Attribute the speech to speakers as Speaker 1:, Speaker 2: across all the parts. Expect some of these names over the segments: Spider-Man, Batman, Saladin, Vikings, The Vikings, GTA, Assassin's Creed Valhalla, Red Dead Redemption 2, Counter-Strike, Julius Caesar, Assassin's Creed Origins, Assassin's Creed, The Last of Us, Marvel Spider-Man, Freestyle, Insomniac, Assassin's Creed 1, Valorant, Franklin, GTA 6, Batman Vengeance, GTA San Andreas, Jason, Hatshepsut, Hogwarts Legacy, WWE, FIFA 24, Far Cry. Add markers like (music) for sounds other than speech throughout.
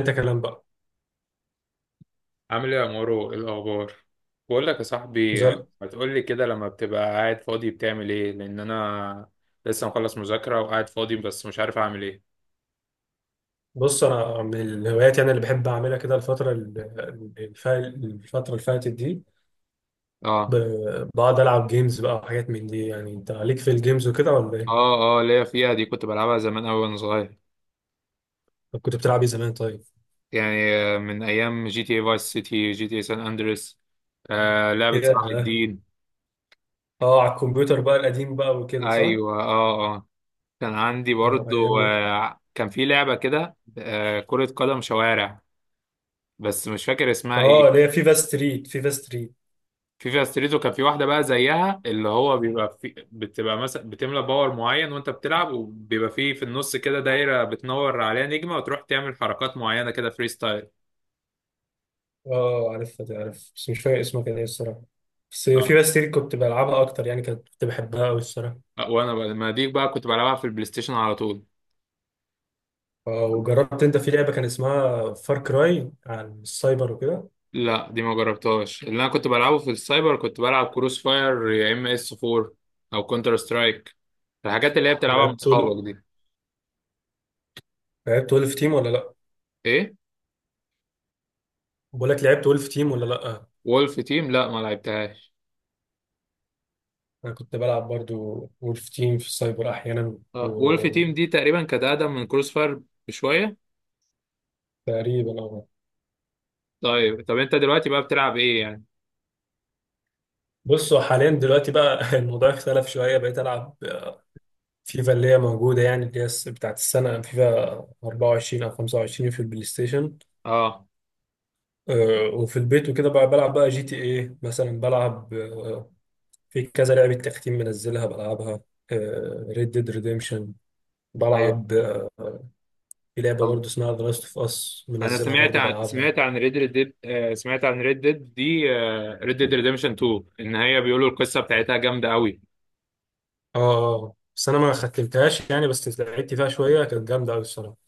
Speaker 1: انت كلام بقى
Speaker 2: عامل ايه يا مورو، ايه الاخبار؟ بقول لك يا صاحبي،
Speaker 1: زل.
Speaker 2: ما تقول لي كده، لما بتبقى قاعد فاضي بتعمل ايه؟ لان انا لسه مخلص مذاكرة وقاعد فاضي بس مش عارف اعمل ايه.
Speaker 1: بص، انا من الهوايات يعني اللي بحب اعملها كده الفتره اللي فاتت دي
Speaker 2: اه
Speaker 1: بقعد العب جيمز بقى وحاجات من دي. يعني انت عليك في الجيمز وكده ولا ايه؟
Speaker 2: اه اه، ليا فيها دي، كنت بلعبها زمان أوي وانا صغير.
Speaker 1: طب كنت بتلعب ايه زمان طيب؟
Speaker 2: يعني من ايام جي تي اي فايس سيتي، جي تي اي سان اندريس، لعبة صلاح
Speaker 1: ياه.
Speaker 2: الدين.
Speaker 1: اه، على الكمبيوتر بقى القديم بقى وكده، صح؟
Speaker 2: ايوه، اه اه. كان عندي
Speaker 1: اه
Speaker 2: برضو
Speaker 1: ايام.
Speaker 2: كان في لعبة كده كرة قدم شوارع، بس مش فاكر اسمها ايه.
Speaker 1: اه، اللي هي فيفا ستريت، فيفا ستريت.
Speaker 2: فيفا ستريتو، كان في واحده بقى زيها، اللي هو بيبقى في، بتبقى مثلا بتملى باور معين وانت بتلعب، وبيبقى فيه في النص كده دايره بتنور عليها نجمه، وتروح تعمل حركات معينه كده، فري ستايل.
Speaker 1: اه عارفها دي، عارف، بس مش فاكر اسمها كان ايه الصراحه. بس
Speaker 2: اه،
Speaker 1: فيفا ستريت كنت بلعبها اكتر يعني، كانت كنت بحبها قوي الصراحه.
Speaker 2: وانا بقى ما دي بقى كنت بلعبها في البلاي ستيشن على طول.
Speaker 1: آه، وجربت انت في لعبه كان اسمها فار كراي عن السايبر وكده؟
Speaker 2: لا، دي ما جربتهاش. اللي انا كنت بلعبه في السايبر كنت بلعب كروس فاير، يا ام اس 4، او كونتر سترايك. الحاجات اللي هي بتلعبها مع
Speaker 1: ولعبت ول-
Speaker 2: اصحابك دي.
Speaker 1: لعبت ولف تيم ولا لا؟
Speaker 2: ايه؟
Speaker 1: بقول لك، لعبت ولف تيم ولا لا؟
Speaker 2: وولف تيم لا، ما لعبتهاش.
Speaker 1: انا كنت بلعب برضو ولف تيم في السايبر احيانا
Speaker 2: اه، وولف تيم دي تقريبا كانت اقدم من كروس فاير بشويه.
Speaker 1: تقريبا اه.
Speaker 2: طيب، طب انت دلوقتي بقى بتلعب ايه يعني؟
Speaker 1: بصوا حاليا دلوقتي بقى (laughs) الموضوع اختلف شويه، بقيت العب فيفا اللي هي موجوده، يعني اللي هي بتاعت السنه، فيفا 24 او 25 في البلاي ستيشن.
Speaker 2: اه،
Speaker 1: آه، وفي البيت وكده بقى بلعب بقى جي تي ايه مثلا، بلعب في كذا لعبة تختيم منزلها بلعبها، ريد ديد ريديمشن.
Speaker 2: ايوه.
Speaker 1: بلعب في لعبة
Speaker 2: طب
Speaker 1: برضو اسمها ذا لاست اوف اس
Speaker 2: انا
Speaker 1: منزلها
Speaker 2: سمعت
Speaker 1: برضو
Speaker 2: عن
Speaker 1: بلعبها.
Speaker 2: سمعت عن ريد ديد، سمعت عن ريد ديد دي، ريد
Speaker 1: اه
Speaker 2: ديد ريديمشن 2، ان هي بيقولوا القصه بتاعتها جامده قوي.
Speaker 1: اه، بس انا ما ختمتهاش يعني، بس لعبت فيها شوية، كانت جامدة قوي الصراحة.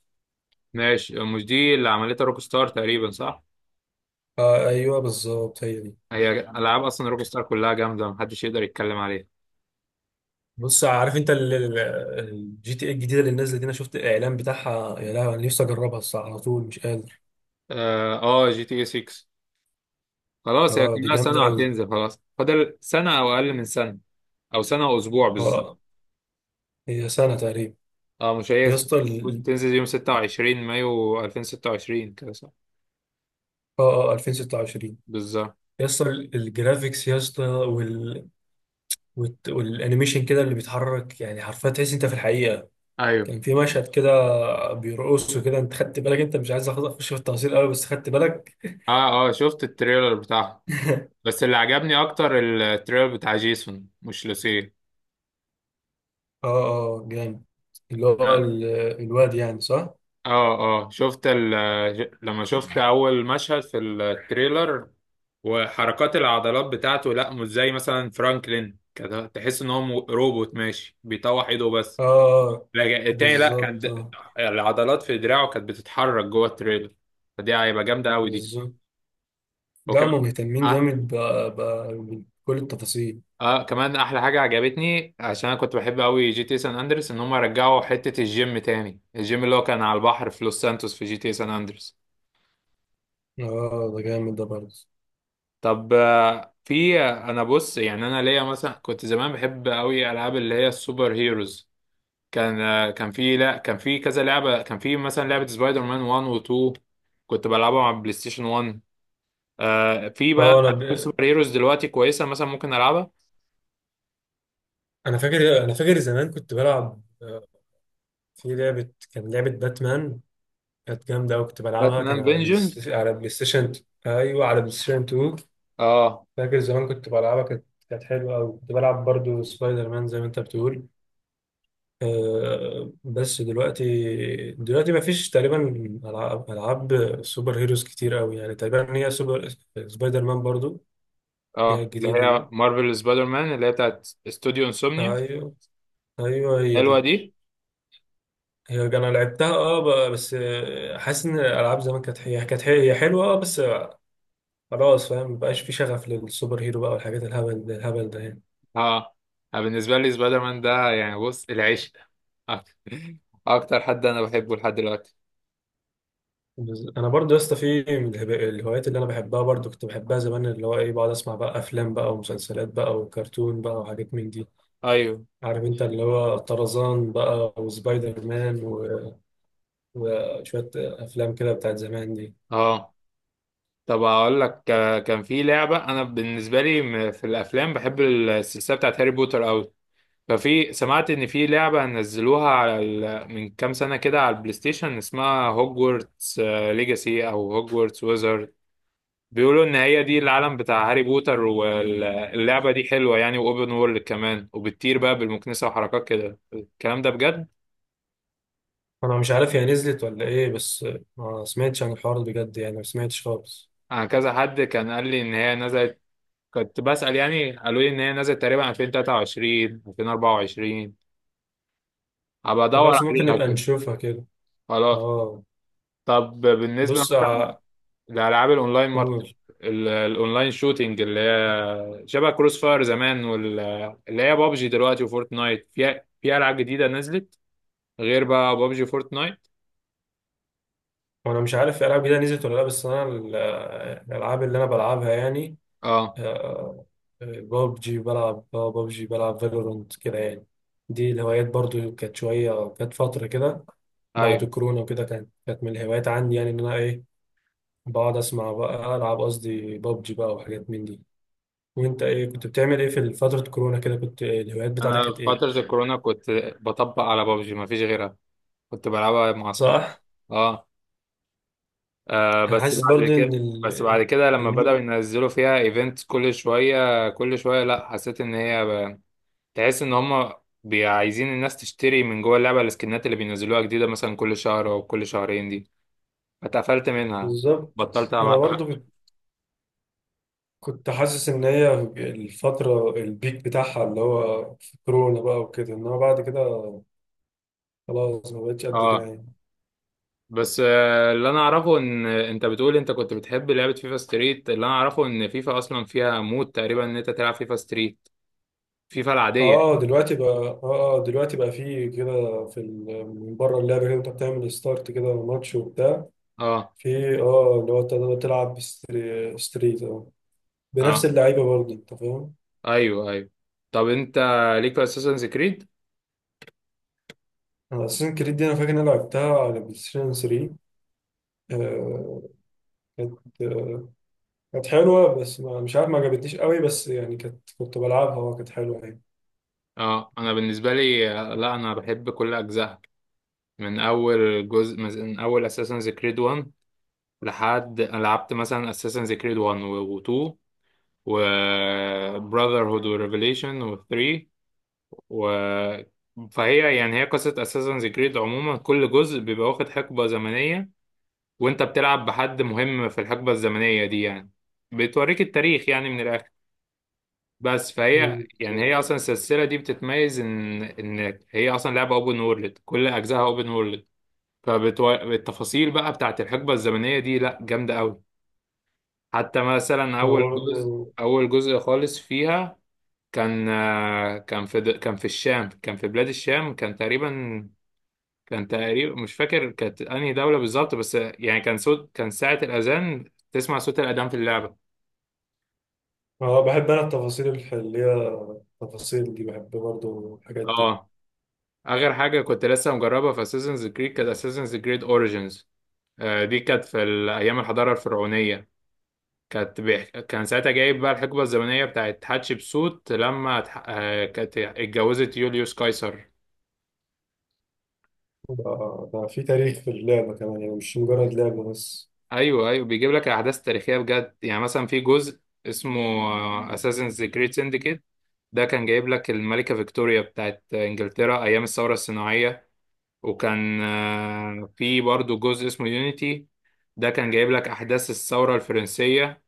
Speaker 2: ماشي، مش دي اللي عملتها روك ستار تقريبا، صح؟
Speaker 1: آه ايوه بالظبط، هي دي.
Speaker 2: هي العاب اصلا روك ستار كلها جامده، محدش يقدر يتكلم عليها.
Speaker 1: بص، عارف انت الجي تي اي الجديدة اللي نازلة دي؟ انا شفت الاعلان بتاعها، يا لهوي، انا نفسي اجربها الصراحة، على طول مش قادر.
Speaker 2: اه، جي تي اي 6، خلاص هي
Speaker 1: اه دي
Speaker 2: كلها سنه
Speaker 1: جامدة قوي.
Speaker 2: وهتنزل، خلاص فاضل سنه او اقل من سنه، او سنه واسبوع بالظبط.
Speaker 1: اه، هي سنة تقريبا.
Speaker 2: اه، مش هي
Speaker 1: يا اسطى
Speaker 2: المفروض
Speaker 1: ال-
Speaker 2: تنزل يوم 26 مايو 2026، كده صح؟
Speaker 1: اه اه، 2026.
Speaker 2: بالظبط.
Speaker 1: يا اسطى الجرافيكس، يا اسطى. والانيميشن كده اللي بيتحرك، يعني حرفيا تحس انت في الحقيقه.
Speaker 2: ايوه،
Speaker 1: كان في مشهد كده بيرقصوا كده، انت خدت بالك؟ انت مش عايز اخش في التفاصيل قوي، بس خدت بالك.
Speaker 2: اه اه، شفت التريلر بتاعها،
Speaker 1: (laughs)
Speaker 2: بس اللي عجبني اكتر التريلر بتاع جيسون مش لوسيه.
Speaker 1: اه اه جامد. اللي هو
Speaker 2: ده-
Speaker 1: ال- الواد يعني، صح؟ اه.
Speaker 2: اه اه، لما شفت اول مشهد في التريلر وحركات العضلات بتاعته، لا مش زي مثلا فرانكلين كده، تحس ان هو روبوت ماشي بيطوح ايده بس،
Speaker 1: آه،
Speaker 2: لكن التاني لا، كان
Speaker 1: بالظبط اه،
Speaker 2: العضلات في دراعه كانت بتتحرك جوه التريلر، فدي هيبقى جامده قوي دي.
Speaker 1: بالظبط. ده
Speaker 2: وكمان،
Speaker 1: هما مهتمين جامد بكل التفاصيل.
Speaker 2: اه، كمان احلى حاجه عجبتني، عشان انا كنت بحب قوي جي تي سان اندرس، ان هم رجعوا حته الجيم تاني، الجيم اللي هو كان على البحر في لوس سانتوس في جي تي سان اندرس.
Speaker 1: اه آه، ده جامد ده برضه.
Speaker 2: طب، آه، في آه، انا بص، يعني انا ليا مثلا كنت زمان بحب قوي العاب اللي هي السوبر هيروز. كان آه، كان في لا كان في كذا لعبه، كان في مثلا لعبه سبايدر مان 1 و 2، كنت بلعبها مع بلاي ستيشن 1. في بقى
Speaker 1: اه،
Speaker 2: العاب سوبر هيروز دلوقتي كويسه مثلا ممكن العبها.
Speaker 1: انا فاكر، زمان كنت بلعب في لعبة، كان لعبة باتمان، كانت جامدة أوي كنت بلعبها،
Speaker 2: باتمان
Speaker 1: كان
Speaker 2: فينجن.
Speaker 1: على بلاي ستيشن. أيوه، على بلاي ستيشن 2.
Speaker 2: اه،
Speaker 1: فاكر زمان كنت بلعبها، كانت كانت حلوة أوي. كنت بلعب برضو سبايدر مان زي ما أنت بتقول. أه بس دلوقتي مفيش تقريبا ألعاب سوبر هيروز كتير أوي، يعني تقريبا هي سوبر، سبايدر مان برضو. اللي هي
Speaker 2: اه، اللي
Speaker 1: الجديدة دي.
Speaker 2: هي مارفل سبايدر مان، اللي هي بتاعت استوديو انسومنيا.
Speaker 1: أيوه أيوه، هي
Speaker 2: حلوه
Speaker 1: دي.
Speaker 2: دي.
Speaker 1: هي أنا لعبتها أه. بس آه، حاسس إن الألعاب زمان كانت، هي حلوة أه، بس خلاص، فاهم، مبقاش في شغف للسوبر هيرو بقى والحاجات الهبل ده يعني.
Speaker 2: اه، أنا بالنسبه لي سبايدر مان ده يعني، بص، العشق. (laughs) اكتر حد انا بحبه لحد دلوقتي.
Speaker 1: انا برضو يا اسطى، في من الهوايات اللي انا بحبها برضو كنت بحبها زمان، اللي هو ايه، بقعد اسمع بقى افلام بقى ومسلسلات بقى وكرتون بقى وحاجات من دي.
Speaker 2: ايوه،
Speaker 1: عارف انت، اللي هو طرزان بقى وسبايدر مان و... وشوية افلام كده بتاعت زمان دي.
Speaker 2: اه، طب اقول لك، كان في لعبه، انا بالنسبه لي في الافلام بحب السلسله بتاعت هاري بوتر قوي. ففي، سمعت ان في لعبه نزلوها على من كام سنه كده على البلاي ستيشن، اسمها هوجورتس ليجاسي او هوجورتس. بيقولوا ان هي دي العالم بتاع هاري بوتر، واللعبة دي حلوة يعني، واوبن وورلد كمان، وبتطير بقى بالمكنسة وحركات كده الكلام ده بجد.
Speaker 1: انا مش عارف هي نزلت ولا ايه، بس ما سمعتش عن الحوار ده بجد يعني، ما سمعتش خالص.
Speaker 2: انا كذا حد كان قال لي ان هي نزلت، كنت بسأل يعني، قالوا لي ان هي نزلت تقريبا 2023، 2024. هبقى ادور
Speaker 1: خلاص، ممكن
Speaker 2: عليها
Speaker 1: نبقى
Speaker 2: كده.
Speaker 1: نشوفها كده.
Speaker 2: خلاص.
Speaker 1: اه.
Speaker 2: طب بالنسبة
Speaker 1: بص
Speaker 2: مثلا
Speaker 1: ع-
Speaker 2: لألعاب الأونلاين ماركت،
Speaker 1: قول.
Speaker 2: الأونلاين شوتينج، اللي هي شبه كروس فاير زمان، واللي هي بابجي دلوقتي وفورتنايت، في ألعاب جديدة نزلت غير بقى بابجي؟
Speaker 1: وانا مش عارف الالعاب جديده نزلت ولا لا، بس الالعاب اللي انا بلعبها يعني
Speaker 2: اه،
Speaker 1: ببجي، بلعب ببجي، بلعب فالورنت كده يعني. دي الهوايات برضو كانت شويه، كانت فتره كده بعد
Speaker 2: ايوه.
Speaker 1: كورونا وكده، كانت كانت من الهوايات عندي، يعني ان انا ايه، بقعد اسمع بقى، العب قصدي ببجي بقى وحاجات من دي. وانت ايه كنت بتعمل ايه في فتره كورونا كده؟ كنت إيه الهوايات بتاعتك،
Speaker 2: انا في
Speaker 1: كانت ايه؟
Speaker 2: فترة الكورونا كنت بطبق على بابجي، ما فيش غيرها. كنت بلعبها مع اصحابي.
Speaker 1: صح.
Speaker 2: اه، آه، بس
Speaker 1: حاسس
Speaker 2: بعد
Speaker 1: برضو
Speaker 2: كده
Speaker 1: ان
Speaker 2: بس
Speaker 1: ال...
Speaker 2: بعد كده لما بدأوا
Speaker 1: الم...
Speaker 2: ينزلوا فيها ايفنت كل شوية كل شوية، لا حسيت ان هي تحس ان هم عايزين الناس تشتري من جوه اللعبة السكنات اللي بينزلوها جديدة، مثلا كل شهر او كل شهرين دي، اتقفلت منها،
Speaker 1: بالظبط.
Speaker 2: بطلت
Speaker 1: انا
Speaker 2: ألعب.
Speaker 1: برضو كنت حاسس ان هي الفترة البيك بتاعها اللي هو في كورونا بقى وكده، انما بعد كده خلاص، ما بقتش قد كده
Speaker 2: اه،
Speaker 1: يعني.
Speaker 2: بس اللي انا اعرفه ان انت بتقول انت كنت بتحب لعبة فيفا ستريت، اللي انا اعرفه ان فيفا اصلا فيها مود تقريبا ان انت تلعب فيفا ستريت، فيفا العادية
Speaker 1: اه
Speaker 2: يعني.
Speaker 1: دلوقتي بقى اه. آه، دلوقتي بقى في كده، في من بره اللعبة كده انت بتعمل ستارت كده ماتش وبتاع.
Speaker 2: اه،
Speaker 1: في اه، اللي هو تقدر تلعب ستريت اه، بنفس
Speaker 2: اه،
Speaker 1: اللعيبة برضه، انت فاهم.
Speaker 2: ايوه، ايوه. طب انت ليك في اساسنز كريد؟
Speaker 1: انا اساسن كريد دي، انا فاكر ان انا لعبتها على بلاي ستيشن 3. آه، كانت آه، كانت حلوة، بس مش عارف، ما عجبتنيش قوي بس، يعني كانت كنت بلعبها وكانت حلوة يعني.
Speaker 2: اه، انا بالنسبة لي لا، انا بحب كل اجزائها، من اول جزء، من اول اساسنز كريد 1، لحد أنا لعبت مثلا اساسنز كريد 1 و2 وبراذر هود وريفيليشن و3 و فهي يعني، هي قصة Assassin's Creed عموما، كل جزء بيبقى واخد حقبة زمنية، وانت بتلعب بحد مهم في الحقبة الزمنية دي يعني، بتوريك التاريخ يعني من الآخر. بس فهي
Speaker 1: مم،
Speaker 2: يعني،
Speaker 1: بالظبط.
Speaker 2: هي أصلا السلسلة دي بتتميز إن هي أصلا لعبة أوبن وورلد، كل أجزائها أوبن وورلد. فالتفاصيل بقى بتاعت الحقبة الزمنية دي لأ، جامدة أوي. حتى مثلا
Speaker 1: انا
Speaker 2: أول جزء،
Speaker 1: برضه.
Speaker 2: أول جزء خالص فيها، كان كان في الشام، كان في بلاد الشام، كان تقريبا، مش فاكر كانت انهي دولة بالظبط، بس يعني كان صوت، كان ساعة الأذان تسمع صوت الأذان في اللعبة.
Speaker 1: أنا بحب انا التفاصيل اللي هي التفاصيل دي، بحب برضه الحاجات دي.
Speaker 2: اه، آخر حاجة كنت لسه مجربها في اساسنز كريد كانت اساسنز كريد اوريجينز، دي كانت في أيام الحضارة الفرعونية، كانت كان ساعتها جايب بقى الحقبة الزمنية بتاعت حتشبسوت، لما اتح... آه، كانت اتجوزت يوليوس قيصر.
Speaker 1: ده ده في تاريخ في اللعبة كمان يعني، مش مجرد لعبة بس.
Speaker 2: أيوه، أيوه، بيجيب لك الأحداث التاريخية بجد يعني، مثلا في جزء اسمه اساسنز كريد، ده كان جايب لك الملكة فيكتوريا بتاعت إنجلترا أيام الثورة الصناعية. وكان في برضو جزء اسمه يونيتي، ده كان جايب لك أحداث الثورة الفرنسية.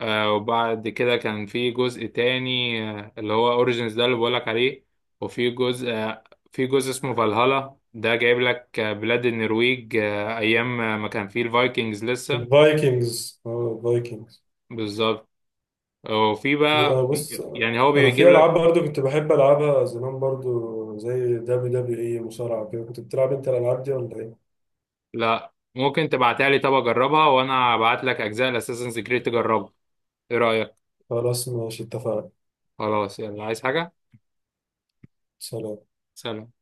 Speaker 2: وبعد كده كان في جزء تاني، اللي هو أوريجينز ده اللي بقولك عليه. وفي جزء آه، في جزء اسمه فالهالا، ده جايب لك بلاد النرويج أيام ما كان فيه الفايكنجز لسه.
Speaker 1: الفايكنجز اه، الفايكنجز.
Speaker 2: بالظبط. وفي بقى،
Speaker 1: آه، بص،
Speaker 2: يعني هو
Speaker 1: انا
Speaker 2: بيجيب
Speaker 1: في العاب
Speaker 2: لك،
Speaker 1: برضه كنت بحب العبها زمان برضه زي دبليو دبليو اي، مصارعة كده، كنت بتلعب انت الالعاب دي ولا ايه؟
Speaker 2: لا، ممكن تبعتها لي، طب اجربها وانا ابعت لك اجزاء الاساسنز كريد تجربها، ايه رايك؟
Speaker 1: خلاص ماشي، اتفقنا.
Speaker 2: خلاص، يلا، عايز حاجه؟
Speaker 1: سلام.
Speaker 2: سلام.